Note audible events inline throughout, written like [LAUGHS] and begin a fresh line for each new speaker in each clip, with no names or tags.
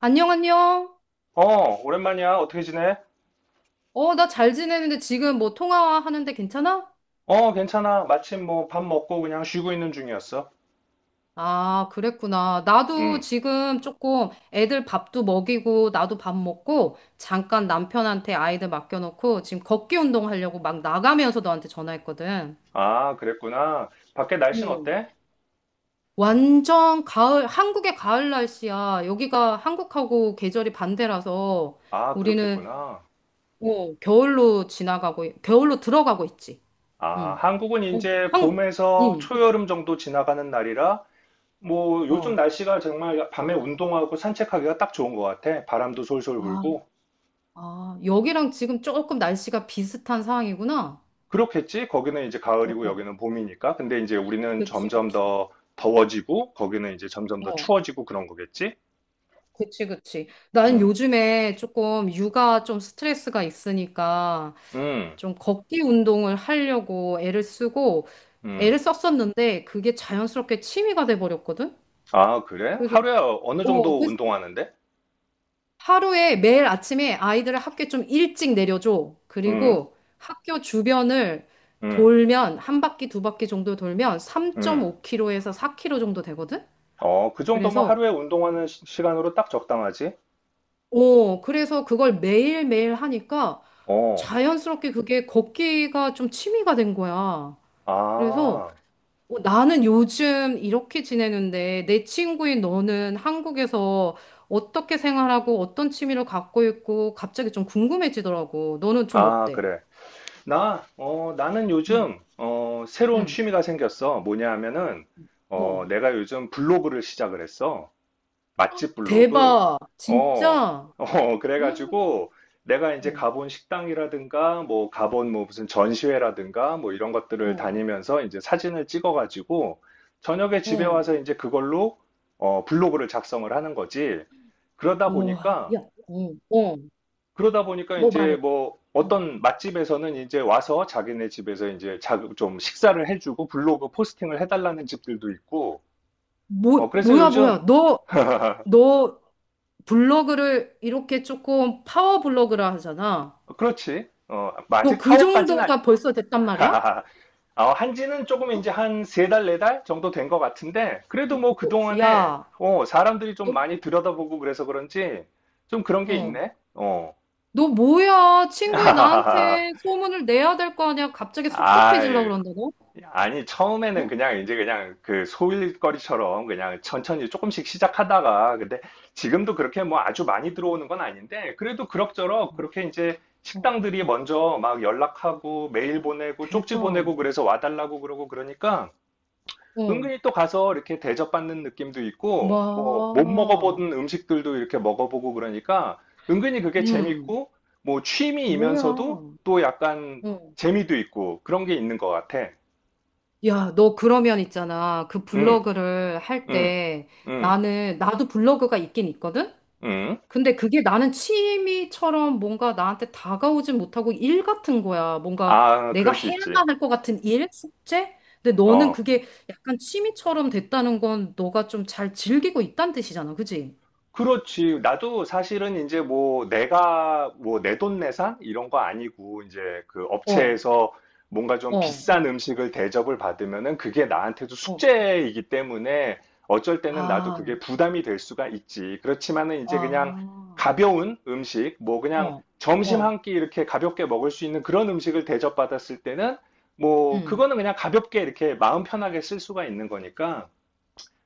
안녕, 안녕.
오랜만이야. 어떻게 지내?
나 잘 지내는데 지금 뭐 통화하는데 괜찮아?
괜찮아. 마침 뭐 밥 먹고 그냥 쉬고 있는 중이었어.
아, 그랬구나. 나도
음.
지금 조금 애들 밥도 먹이고, 나도 밥 먹고, 잠깐 남편한테 아이들 맡겨놓고, 지금 걷기 운동 하려고 막 나가면서 너한테 전화했거든.
아, 그랬구나. 밖에 날씨는
응,
어때?
완전 가을, 한국의 가을 날씨야. 여기가 한국하고 계절이 반대라서
아,
우리는
그렇겠구나.
겨울로 지나가고, 겨울로 들어가고 있지.
아,
응.
한국은
어,
이제
한,
봄에서
응.
초여름 정도 지나가는 날이라 뭐 요즘
어.
날씨가 정말 밤에 운동하고 산책하기가 딱 좋은 것 같아. 바람도 솔솔
아.
불고.
아, 여기랑 지금 조금 날씨가 비슷한 상황이구나.
그렇겠지? 거기는 이제
어,
가을이고
어.
여기는 봄이니까. 근데 이제 우리는
그치,
점점
그치.
더 더워지고 거기는 이제 점점 더
어,
추워지고 그런 거겠지?
그치, 그치. 나는
음.
요즘에 조금 육아 좀 스트레스가 있으니까
음.
좀 걷기 운동을 하려고 애를 쓰고
음.
애를 썼었는데 그게 자연스럽게 취미가 돼버렸거든?
아, 그래?
그래서,
하루에 어느
어,
정도
그래서
운동하는데?
하루에 매일 아침에 아이들을 학교에 좀 일찍 내려줘.
응,
그리고 학교 주변을
응,
돌면 한 바퀴 두 바퀴 정도 돌면
응.
3.5km에서 4km 정도 되거든?
어, 그 정도면
그래서
하루에 운동하는 시, 간으로딱 적당하지?
그래서 그걸 매일매일 하니까
어,
자연스럽게 그게 걷기가 좀 취미가 된 거야. 그래서
아,
나는 요즘 이렇게 지내는데 내 친구인 너는 한국에서 어떻게 생활하고 어떤 취미를 갖고 있고 갑자기 좀 궁금해지더라고. 너는 좀
아,
어때?
그래. 나, 나는
응,
요즘, 새로운
응.
취미가 생겼어. 뭐냐 하면은,
어,
내가 요즘 블로그를 시작을 했어. 맛집 블로그?
대박.
어,
진짜.
어,
응,
그래가지고 내가 이제
어,
가본 식당이라든가 뭐 가본 뭐 무슨 전시회라든가 뭐 이런 것들을
어,
다니면서 이제 사진을 찍어가지고 저녁에 집에
어.
와서 이제 그걸로 블로그를 작성을 하는 거지. 그러다
와,
보니까
야, 응, 어,
그러다 보니까
뭐
이제
말해?
뭐
어.
어떤 맛집에서는 이제 와서 자기네 집에서 이제 자, 좀 식사를 해주고 블로그 포스팅을 해달라는 집들도 있고. 어,
뭐,
그래서
뭐야,
요즘
뭐야. 너, 너 블로그를 이렇게 조금 파워 블로그라 하잖아.
그렇지. 어, 뭐
너
아직
그
파워까지는
정도가 벌써 됐단 말이야?
[LAUGHS] 어, 한지는 조금
어?
이제 한 세 달, 네 달 정도 된 것 같은데, 그래도 뭐
야,
그동안에, 어, 사람들이 좀
너,
많이 들여다보고 그래서 그런지, 좀 그런 게
어,
있네? 어.
너 뭐야? 친구이 나한테
[LAUGHS]
소문을 내야 될 거 아니야? 갑자기 섭섭해지려고
아유,
그런다, 너?
아니, 처음에는
어?
그냥 이제 그냥 그 소일거리처럼 그냥 천천히 조금씩 시작하다가, 근데 지금도 그렇게 뭐 아주 많이 들어오는 건 아닌데, 그래도 그럭저럭
어,
그렇게 이제
어.
식당들이 먼저 막 연락하고 메일 보내고 쪽지 보내고
대박.
그래서 와달라고 그러고 그러니까,
어,
은근히 또 가서 이렇게 대접받는 느낌도 있고, 뭐, 못
뭐,
먹어보던 음식들도 이렇게 먹어보고 그러니까, 은근히 그게
음,
재밌고, 뭐,
뭐야.
취미이면서도 또 약간
어.
재미도 있고, 그런 게 있는 것 같아.
야, 너 그러면 있잖아. 그
응,
블로그를 할
응,
때
응,
나도 블로그가 있긴 있거든?
응.
근데 그게 나는 취미처럼 뭔가 나한테 다가오진 못하고 일 같은 거야. 뭔가
아,
내가
그럴 수 있지.
해야만 할 것 같은 일? 숙제? 근데 너는
어.
그게 약간 취미처럼 됐다는 건 너가 좀 잘 즐기고 있다는 뜻이잖아. 그지?
그렇지. 나도 사실은 이제 뭐 내가 뭐 내돈내산 이런 거 아니고 이제 그
어,
업체에서 뭔가 좀
어,
비싼 음식을 대접을 받으면은 그게 나한테도
어.
숙제이기 때문에 어쩔 때는 나도
아,
그게 부담이 될 수가 있지. 그렇지만은 이제 그냥
아,
가벼운 음식, 뭐 그냥
어,
점심
어,
한끼 이렇게 가볍게 먹을 수 있는 그런 음식을 대접받았을 때는 뭐
음.
그거는 그냥 가볍게 이렇게 마음 편하게 쓸 수가 있는 거니까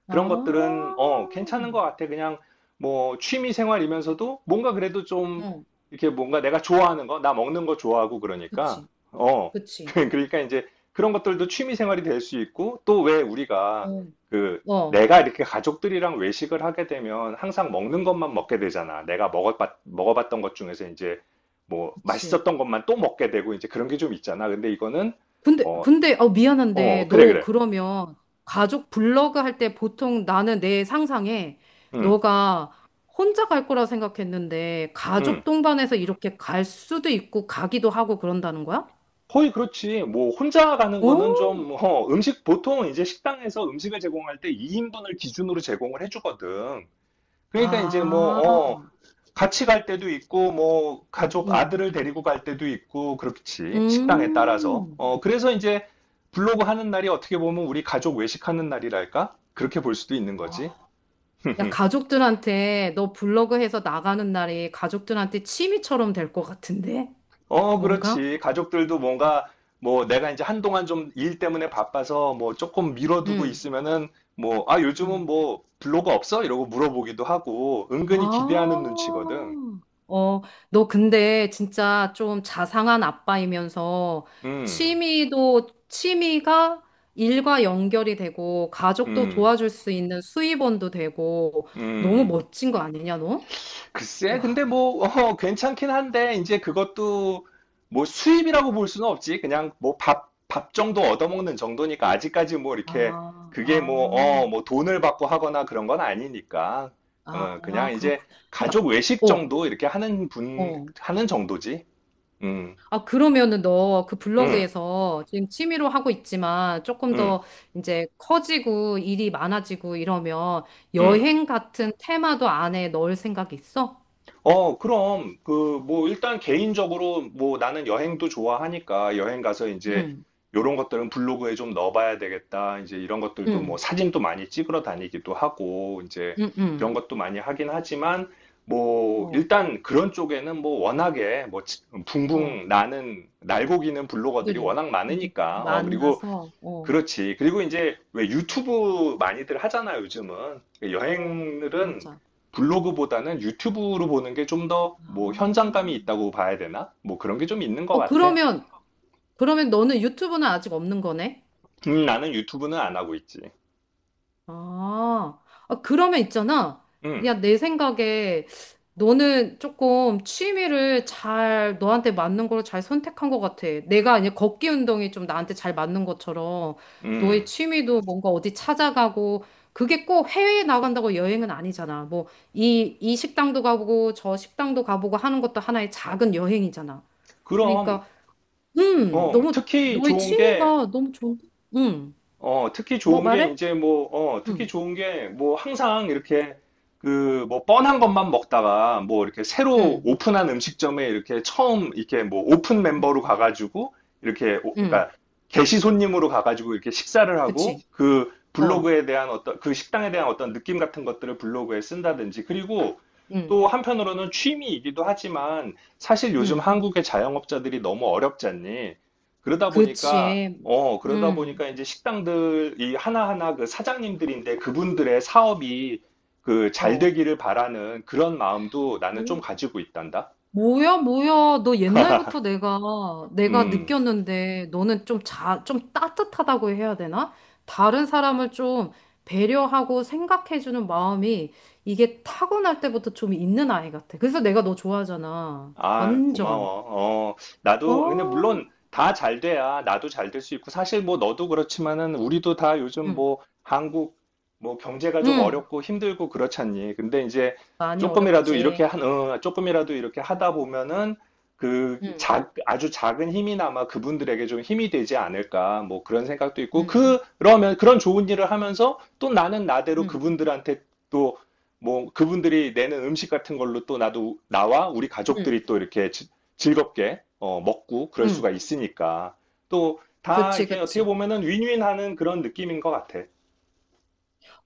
그런
아,
것들은 괜찮은 것 같아. 그냥 뭐 취미 생활이면서도 뭔가 그래도 좀
어,
이렇게 뭔가 내가 좋아하는 거, 나 먹는 거 좋아하고 그러니까
그치,
어,
그치.
[LAUGHS] 그러니까 이제 그런 것들도 취미 생활이 될 수 있고 또 왜 우리가
어,
그
어,
내가 이렇게 가족들이랑 외식을 하게 되면 항상 먹는 것만
어,
먹게 되잖아. 내가 먹어봤던 것 중에서 이제 뭐
그치.
맛있었던 것만 또 먹게 되고 이제 그런 게 좀 있잖아. 근데 이거는 어,
근데, 어,
어,
미안한데,
그래,
너
그래.
그러면 가족 블로그 할 때 보통 나는 내 상상에
응,
너가 혼자 갈 거라 생각했는데,
응.
가족 동반해서 이렇게 갈 수도 있고, 가기도 하고 그런다는 거야?
거의 그렇지. 뭐, 혼자 가는 거는
오,
좀, 어, 음식, 보통 이제 식당에서 음식을 제공할 때 2인분을 기준으로 제공을 해주거든. 그러니까 이제
아,
뭐, 같이 갈 때도 있고, 뭐, 가족,
응.
아들을 데리고 갈 때도 있고, 그렇지. 식당에 따라서.
음.
어, 그래서 이제 블로그 하는 날이 어떻게 보면 우리 가족 외식하는 날이랄까? 그렇게 볼 수도 있는 거지.
야,
[LAUGHS]
가족들한테 너 블로그 해서 나가는 날이 가족들한테 취미처럼 될 것 같은데?
어,
뭔가?
그렇지. 가족들도 뭔가 뭐 내가 이제 한동안 좀 일 때문에 바빠서 뭐 조금 미뤄두고
응,
있으면은 뭐 아,
응.
요즘은 뭐 블로그 없어? 이러고 물어보기도 하고
아,
은근히 기대하는 눈치거든.
어, 너 근데 진짜 좀 자상한 아빠이면서
음,
취미가 일과 연결이 되고 가족도
음,
도와줄 수 있는 수입원도 되고 너무
음.
멋진 거 아니냐, 너?
글쎄, 근데
와,
뭐, [LAUGHS] 어, 괜찮긴 한데, 이제 그것도 뭐 수입이라고 볼 수는 없지. 그냥 뭐 밥, 밥 정도 얻어먹는 정도니까 아직까지 뭐 이렇게
아,
그게 뭐, 어,
아,
뭐 돈을 받고 하거나 그런 건 아니니까. 어, 그냥
아,
이제
그렇군. 야,
가족 외식
어,
정도 이렇게 하는 분,
어.
하는 정도지. 음,
아, 그러면은 너 그
음,
블로그에서 지금 취미로 하고 있지만 조금
음,
더 이제 커지고 일이 많아지고 이러면
음.
여행 같은 테마도 안에 넣을 생각 있어?
어, 그럼, 그, 뭐, 일단 개인적으로, 뭐, 나는 여행도 좋아하니까, 여행 가서 이제,
응,
요런 것들은 블로그에 좀 넣어봐야 되겠다. 이제 이런 것들도 뭐,
응,
사진도 많이 찍으러 다니기도 하고, 이제,
응, 응.
그런 것도 많이 하긴 하지만, 뭐,
어,
일단 그런 쪽에는 뭐, 워낙에, 뭐,
어.
붕붕 나는, 날고기는 블로거들이
분들이
워낙
분들
많으니까, 어, 그리고
만나서, 어,
그렇지. 그리고 이제 왜
어,
유튜브 많이들 하잖아요, 요즘은.
어,
여행들은
맞아.
블로그보다는 유튜브로 보는 게 좀 더 뭐
아.
현장감이 있다고 봐야 되나? 뭐 그런 게 좀 있는 것
어,
같아.
그러면, 그러면 너는 유튜브는 아직 없는 거네?
나는 유튜브는 안 하고 있지.
아, 아, 그러면 있잖아.
음,
야, 내 생각에 너는 조금 취미를 잘, 너한테 맞는 걸 잘 선택한 것 같아. 내가 이제 걷기 운동이 좀 나한테 잘 맞는 것처럼 너의
음.
취미도 뭔가 어디 찾아가고 그게 꼭 해외에 나간다고 여행은 아니잖아. 뭐, 이 식당도 가보고 저 식당도 가보고 하는 것도 하나의 작은 여행이잖아.
그럼,
그러니까,
어,
너무,
특히
너의
좋은 게
취미가 너무 좋은, 음,
어, 특히
뭐
좋은 게
말해?
이제 뭐, 특히
음,
좋은 게 뭐 항상 이렇게 그 뭐 뻔한 것만 먹다가 뭐 이렇게 새로
음,
오픈한 음식점에 이렇게 처음 이렇게 뭐 오픈
음.
멤버로 가가지고
음.
그러니까 게시 손님으로 가가지고 이렇게 식사를 하고
그치.
그
어,
블로그에 대한 어떤 그 식당에 대한 어떤 느낌 같은 것들을 블로그에 쓴다든지 그리고
응,
또 한편으로는 취미이기도 하지만 사실 요즘
응.
한국의 자영업자들이 너무 어렵지 않니? 그러다 보니까
그치.
어, 그러다
응,
보니까 이제 식당들이 하나하나 그 사장님들인데 그분들의 사업이 그 잘
어.
되기를 바라는 그런 마음도 나는 좀
뭐-
가지고 있단다.
뭐야, 뭐야. 너 옛날부터 내가
음.
느꼈는데, 너는 좀 따뜻하다고 해야 되나? 다른 사람을 좀 배려하고 생각해주는 마음이 이게 타고날 때부터 좀 있는 아이 같아. 그래서 내가 너 좋아하잖아.
아,
완전.
고마워. 어, 나도, 근데
어,
물론 다 잘 돼야 나도 잘 될 수 있고, 사실 뭐 너도 그렇지만은 우리도 다 요즘
응,
뭐 한국 뭐 경제가 좀
응.
어렵고 힘들고 그렇잖니. 근데 이제
많이 어렵지.
어, 조금이라도 이렇게
응,
하다 보면은
응,
아주 작은 힘이나마 그분들에게 좀 힘이 되지 않을까. 뭐 그런 생각도 있고,
응,
그, 그러면 그런 좋은 일을 하면서 또 나는 나대로
응,
그분들한테 또 뭐 그분들이 내는 음식 같은 걸로 또 나도 나와 우리
응.
가족들이 또 이렇게 즐겁게 먹고 그럴 수가
응.
있으니까 또 다
그치,
이게 어떻게
그치.
보면은 윈윈하는 그런 느낌인 것 같아.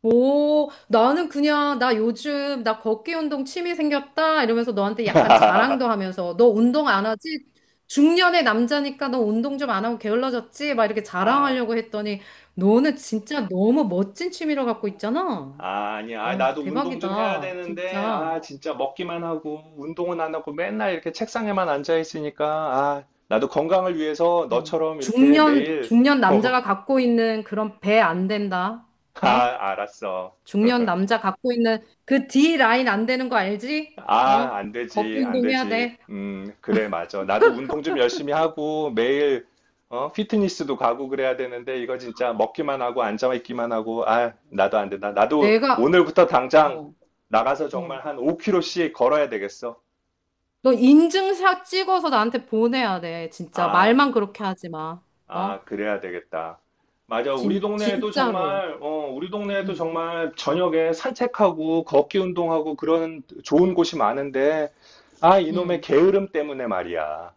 오, 나는 그냥, 나 요즘, 나 걷기 운동 취미 생겼다? 이러면서 너한테 약간
[LAUGHS]
자랑도 하면서, 너 운동 안 하지? 중년의 남자니까 너 운동 좀 안 하고 게을러졌지? 막 이렇게
아,
자랑하려고 했더니, 너는 진짜 너무 멋진 취미를 갖고 있잖아?
아, 아니야. 아,
와,
나도 운동 좀 해야
대박이다.
되는데
진짜.
아 진짜 먹기만 하고 운동은 안 하고 맨날 이렇게 책상에만 앉아 있으니까 아 나도 건강을 위해서
어.
너처럼 이렇게 매일
중년 남자가
[LAUGHS]
갖고 있는 그런 배 안 된다.
어,
어?
아 알았어.
중년 남자 갖고 있는 그 D 라인 안 되는 거 알지?
아,
어?
안
걷기
되지, 안
운동 해야
되지.
돼.
그래, 맞아. 나도 운동 좀 열심히 하고 매일 피트니스도 가고 그래야 되는데 이거 진짜 먹기만 하고 앉아 있기만 하고 아, 나도 안 된다. 나도
내가
오늘부터 당장
어,
나가서
어.
정말 한 5 km씩 걸어야 되겠어.
너 인증샷 찍어서 나한테 보내야 돼. 진짜
아,
말만 그렇게 하지 마.
아,
어?
그래야 되겠다. 맞아.
진 진짜로.
우리 동네에도
응.
정말 저녁에 산책하고 걷기 운동하고 그런 좋은 곳이 많은데 아, 이놈의
응.
게으름 때문에 말이야.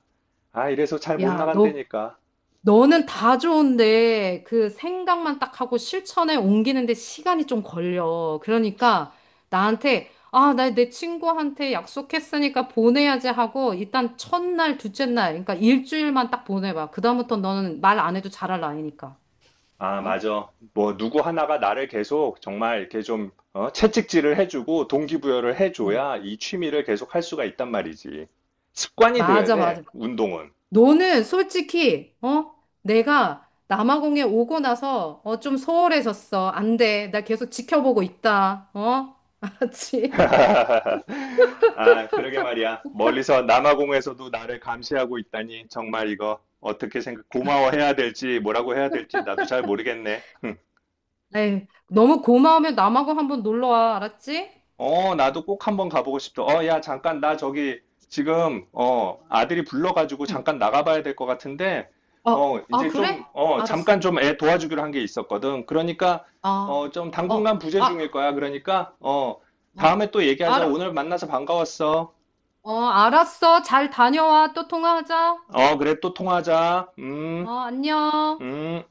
아, 이래서 잘 못
야, 너
나간다니까.
너는 다 좋은데 그 생각만 딱 하고 실천에 옮기는데 시간이 좀 걸려. 그러니까 나한테 아, 나 내 친구한테 약속했으니까 보내야지 하고 일단 첫날, 둘째 날, 그러니까 일주일만 딱 보내봐. 그다음부터 너는 말 안 해도 잘할 나이니까.
아,
어?
맞아. 뭐, 누구 하나가 나를 계속 정말 이렇게 좀, 채찍질을 해주고 동기부여를
응.
해줘야 이 취미를 계속 할 수가 있단 말이지. 습관이 돼야
맞아,
돼,
맞아.
운동은.
너는 솔직히, 어? 내가 남아공에 오고 나서, 어, 좀 소홀해졌어. 안 돼. 나 계속 지켜보고 있다. 어? [LAUGHS] 알았지?
[LAUGHS] 아, 그러게 말이야. 멀리서 남아공에서도 나를 감시하고 있다니. 정말 이거 어떻게 생각, 고마워해야 될지 뭐라고 해야 될지 나도 잘 모르겠네.
에이, 너무 고마우면 남아공 한번 놀러 와. 알았지?
어, 나도 꼭 한번 가보고 싶다. 어, 야, 잠깐, 나 저기, 지금, 어, 아들이 불러가지고
응.
잠깐 나가봐야 될 것 같은데,
어,
어,
아,
이제
그래?
좀, 어,
알았어.
잠깐 좀 애 도와주기로 한게 있었거든. 그러니까,
아,
어, 좀 당분간
어,
부재 중일
아,
거야. 그러니까, 어,
아,
다음에 또 얘기하자.
알,
오늘 만나서 반가웠어.
어, 알았어. 잘 다녀와. 또 통화하자.
어, 그래, 또 통화하자.
어, 안녕.
음.